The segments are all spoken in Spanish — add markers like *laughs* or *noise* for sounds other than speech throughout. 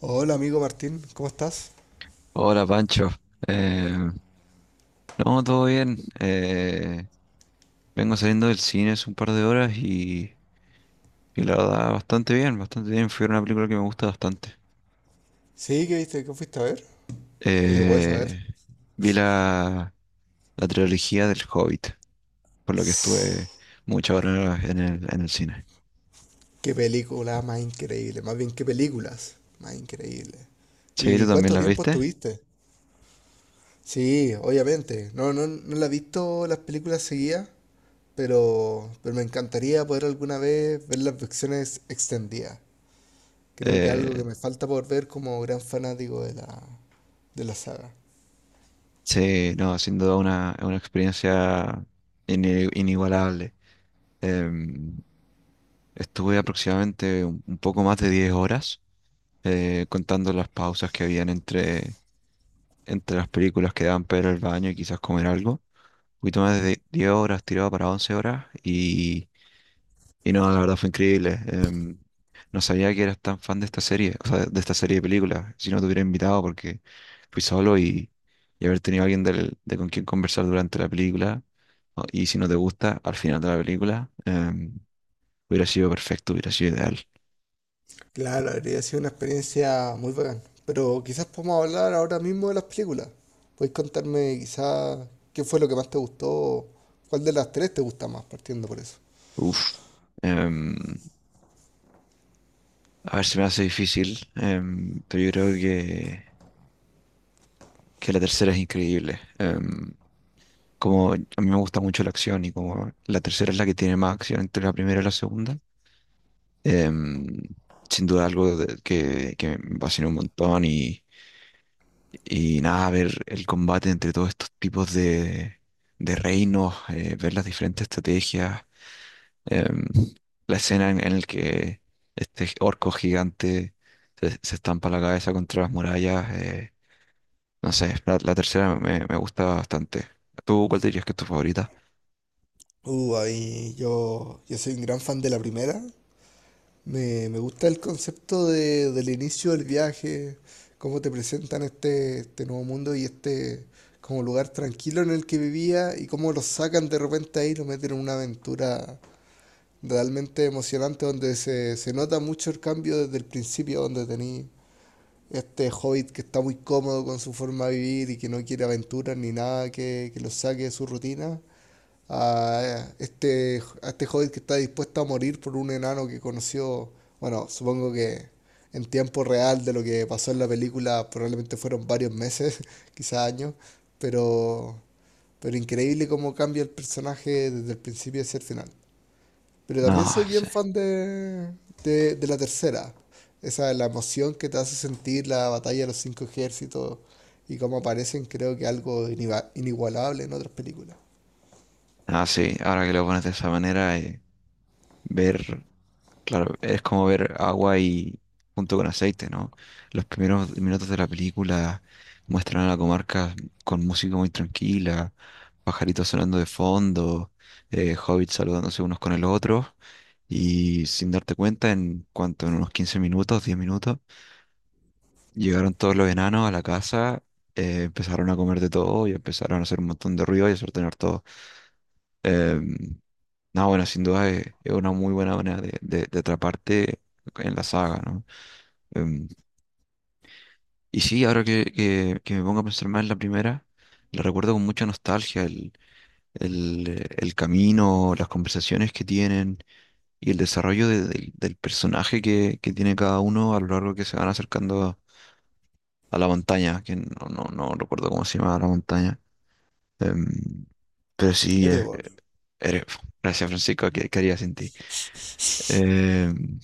Hola amigo Martín, ¿cómo estás? Hola Pancho. Eh, no, todo bien. Vengo saliendo del cine hace un par de horas y la verdad bastante bien, bastante bien. Fue una película que me gusta bastante. Sí, ¿qué viste? ¿Qué fuiste a ver? Si se puede saber. Eh, Vi la trilogía del Hobbit, por lo que estuve muchas horas en el cine. Qué película más increíble, más bien qué películas más increíble. Sí, ¿tú ¿Y también cuánto las tiempo viste? estuviste? Sí, obviamente. No, no, no la he visto las películas seguidas, pero me encantaría poder alguna vez ver las versiones extendidas. Creo que es algo que Eh, me falta por ver como gran fanático de la saga. sí, no, sin duda una experiencia inigualable. Em, Estuve aproximadamente un poco más de 10 horas, contando las pausas que habían entre las películas que daban para ir al baño y quizás comer algo. Un poquito más de 10 horas tirado para 11 horas, y no, la verdad fue increíble. No sabía que eras tan fan de esta serie, o sea, de esta serie de películas. Si no te hubiera invitado porque fui solo, y haber tenido alguien de con quien conversar durante la película. Y si no te gusta, al final de la película, hubiera sido perfecto, hubiera sido ideal. Claro, habría sido una experiencia muy bacán. Pero quizás podemos hablar ahora mismo de las películas. Puedes contarme quizás qué fue lo que más te gustó, cuál de las tres te gusta más, partiendo por eso. Uf, em, a ver si me hace difícil, pero yo creo que la tercera es increíble. Como a mí me gusta mucho la acción y como la tercera es la que tiene más acción entre la primera y la segunda, em, sin duda algo que me fascinó un montón, y nada, ver el combate entre todos estos tipos de reinos, ver las diferentes estrategias. em, la escena en, la que este orco gigante se estampa la cabeza contra las murallas. No sé, la tercera me gusta bastante. ¿Tú cuál dirías que es tu favorita? Ahí yo soy un gran fan de la primera. Me gusta el concepto de- del inicio del viaje, cómo te presentan este nuevo mundo y este como lugar tranquilo en el que vivía y cómo lo sacan de repente ahí y lo meten en una aventura realmente emocionante, donde se nota mucho el cambio desde el principio, donde tenéis este hobbit que está muy cómodo con su forma de vivir y que no quiere aventuras ni nada que lo saque de su rutina, a este hobbit que está dispuesto a morir por un enano que conoció, bueno, supongo que en tiempo real de lo que pasó en la película probablemente fueron varios meses, *laughs* quizás años, pero, pero increíble cómo cambia el personaje desde el principio hacia el final. Pero No también soy bien sé. fan de la tercera. Esa, la emoción que te hace sentir la batalla de los cinco ejércitos y cómo aparecen, creo que algo inigualable en otras películas. Ah, sí, ahora que lo pones de esa manera, ver claro, es como ver agua y junto con aceite, ¿no? Los primeros minutos de la película muestran a la Comarca con música muy tranquila, pajaritos sonando de fondo, hobbits saludándose unos con el otro, y sin darte cuenta, en cuanto en unos 15 minutos, 10 minutos, llegaron todos los enanos a la casa, empezaron a comer de todo y empezaron a hacer un montón de ruido y a sortear todo. Em, no, bueno, sin duda es una muy buena manera de atraparte en la saga, ¿no? Em, y sí, ahora que me pongo a pensar más en la primera, la recuerdo con mucha nostalgia, el camino, las conversaciones que tienen y el desarrollo del personaje que tiene cada uno a lo largo que se van acercando a la montaña, que no recuerdo cómo se llama la montaña. Em, pero sí, Erebor. eres- gracias, Francisco, ¿qué haría sin ti? Em,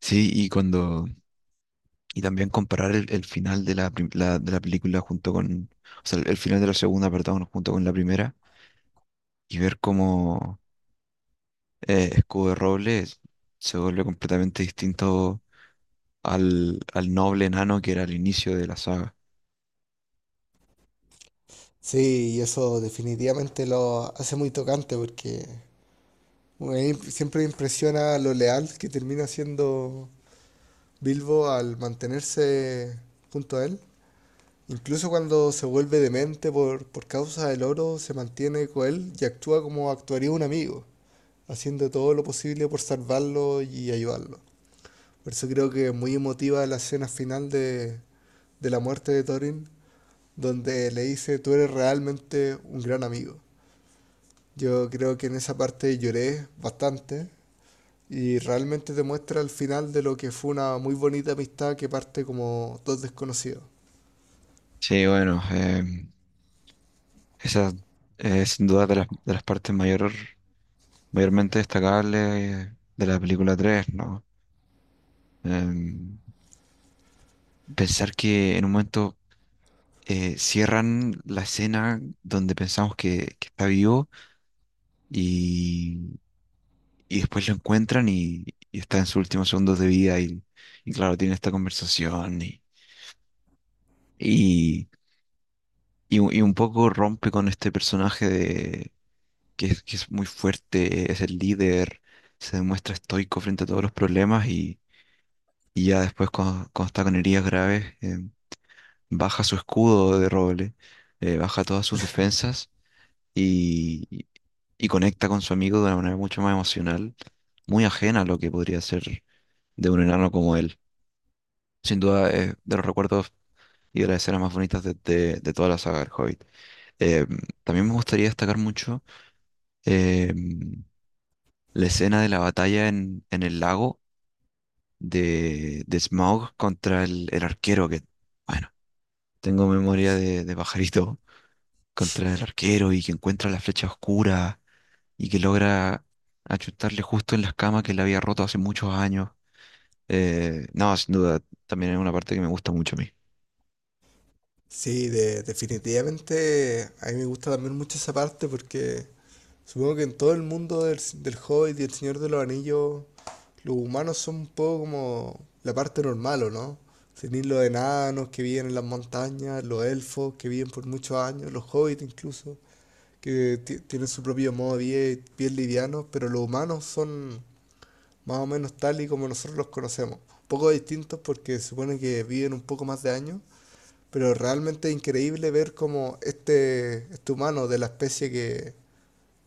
Sí, y también comparar el final de la película junto con, o sea, el final de la segunda, perdón, junto con la primera, y ver cómo, Escudo de Roble se vuelve completamente distinto al noble enano que era al inicio de la saga. Sí, y eso definitivamente lo hace muy tocante porque siempre me impresiona lo leal que termina siendo Bilbo al mantenerse junto a él. Incluso cuando se vuelve demente por causa del oro, se mantiene con él y actúa como actuaría un amigo, haciendo todo lo posible por salvarlo y ayudarlo. Por eso creo que es muy emotiva la escena final de la muerte de Thorin, donde le dice, tú eres realmente un gran amigo. Yo creo que en esa parte lloré bastante y realmente te muestra el final de lo que fue una muy bonita amistad que parte como dos desconocidos. Sí, bueno, esa es sin duda de las partes mayormente destacables de la película tres, ¿no? Em, Pensar que en un momento, cierran la escena donde pensamos que está vivo, y, y después lo encuentran, y está en sus últimos segundos de vida, y claro, tiene esta conversación, y, y un poco rompe con este personaje de, que es muy fuerte, es el líder, se demuestra estoico frente a todos los problemas, y ya después cuando, está con heridas graves. Baja su Escudo de Roble, baja todas sus defensas y, y conecta con su amigo de una manera mucho más emocional, muy ajena a lo que podría ser de un enano como él. Sin duda es de los recuerdos y de las escenas más bonitas de toda la saga del Hobbit. Eh, También me gustaría destacar mucho, eh, la escena de la batalla en el lago de Smaug contra el arquero, que, bueno, tengo memoria de pajarito contra el arquero y que encuentra la flecha oscura y que logra achutarle justo en las camas que le había roto hace muchos años. No, sin duda, también es una parte que me gusta mucho a mí. Sí, definitivamente a mí me gusta también mucho esa parte porque supongo que en todo el mundo del Hobbit y el Señor de los Anillos, los humanos son un poco como la parte normal, ¿o no? Tenéis los enanos que viven en las montañas, los elfos que viven por muchos años, los hobbits incluso, que tienen su propio modo de vida, y bien liviano, pero los humanos son más o menos tal y como nosotros los conocemos. Un poco distintos porque supone que viven un poco más de años pero realmente increíble ver cómo este humano de la especie que,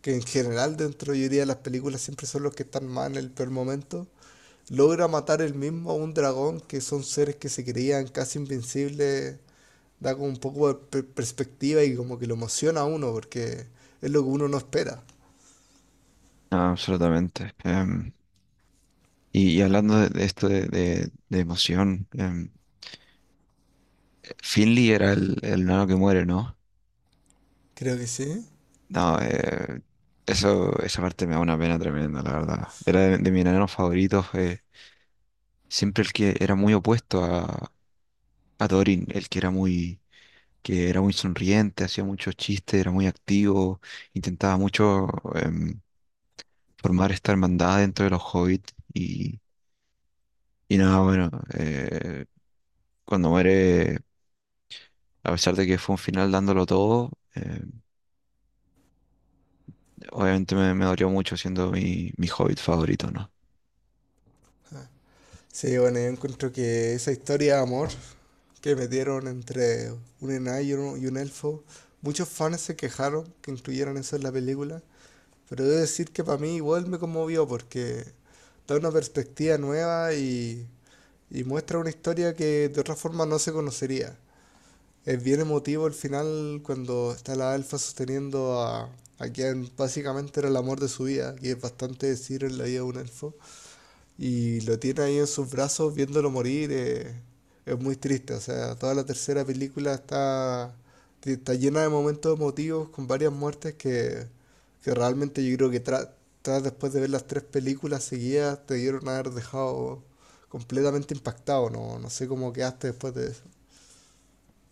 que en general dentro yo diría de las películas siempre son los que están mal en el peor momento, logra matar él mismo a un dragón que son seres que se creían casi invencibles, da como un poco de perspectiva y como que lo emociona a uno porque es lo que uno no espera. Ah, absolutamente. Y hablando de, esto de emoción. Finley era el nano que muere, ¿no? Creo que sí. No, esa parte me da una pena tremenda, la verdad. Era de mis enanos favoritos, siempre el que era muy opuesto a Dorin, el que era muy sonriente, hacía muchos chistes, era muy activo, intentaba mucho, em, formar esta hermandad dentro de los hobbits, y nada, bueno, eh, cuando muere, a pesar de que fue un final dándolo todo, obviamente me dolió mucho siendo mi hobbit favorito, ¿no? Sí, bueno, yo encuentro que esa historia de amor que metieron entre un enano y un elfo, muchos fans se quejaron que incluyeran eso en la película, pero debo decir que para mí igual me conmovió porque da una perspectiva nueva y muestra una historia que de otra forma no se conocería. Es bien emotivo el final cuando está la elfa sosteniendo a quien básicamente era el amor de su vida, que es bastante decir en la vida de un elfo. Y lo tiene ahí en sus brazos viéndolo morir. Es muy triste. O sea, toda la tercera película está llena de momentos emotivos con varias muertes que realmente yo creo que tras después de ver las tres películas seguidas te dieron a haber dejado completamente impactado. No, no sé cómo quedaste después de eso.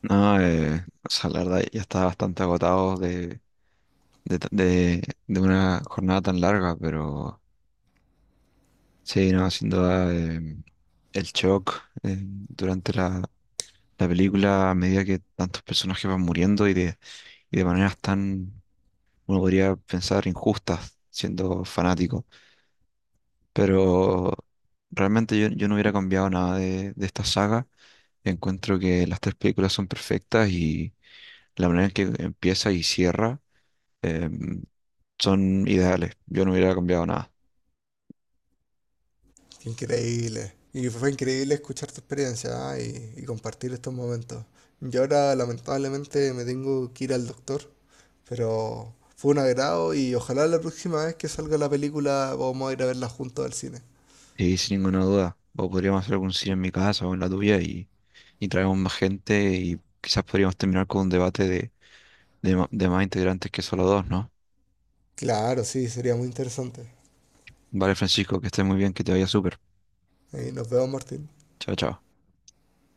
No, o sea, la verdad ya estaba bastante agotado de, ta- de- de una jornada tan larga, pero sí, no, sin duda, el shock, durante la película a medida que tantos personajes van muriendo y de, maneras tan, uno podría pensar, injustas siendo fanático. Pero realmente yo no hubiera cambiado nada de esta saga. Encuentro que las tres películas son perfectas y la manera en que empieza y cierra, em, son ideales. Yo no hubiera cambiado nada. Qué increíble. Y fue increíble escuchar tu experiencia, ¿ah? y compartir estos momentos. Yo ahora lamentablemente me tengo que ir al doctor. Pero fue un agrado y ojalá la próxima vez que salga la película vamos a ir a verla juntos al cine. Y sin ninguna duda, o podríamos hacer algún cine en mi casa o en la tuya, y traemos más gente y quizás podríamos terminar con un debate de más integrantes que solo dos, ¿no? Claro, sí, sería muy interesante. Vale, Francisco, que estés muy bien, que te vaya súper. Ahí nos vemos, Martín. Chao, chao.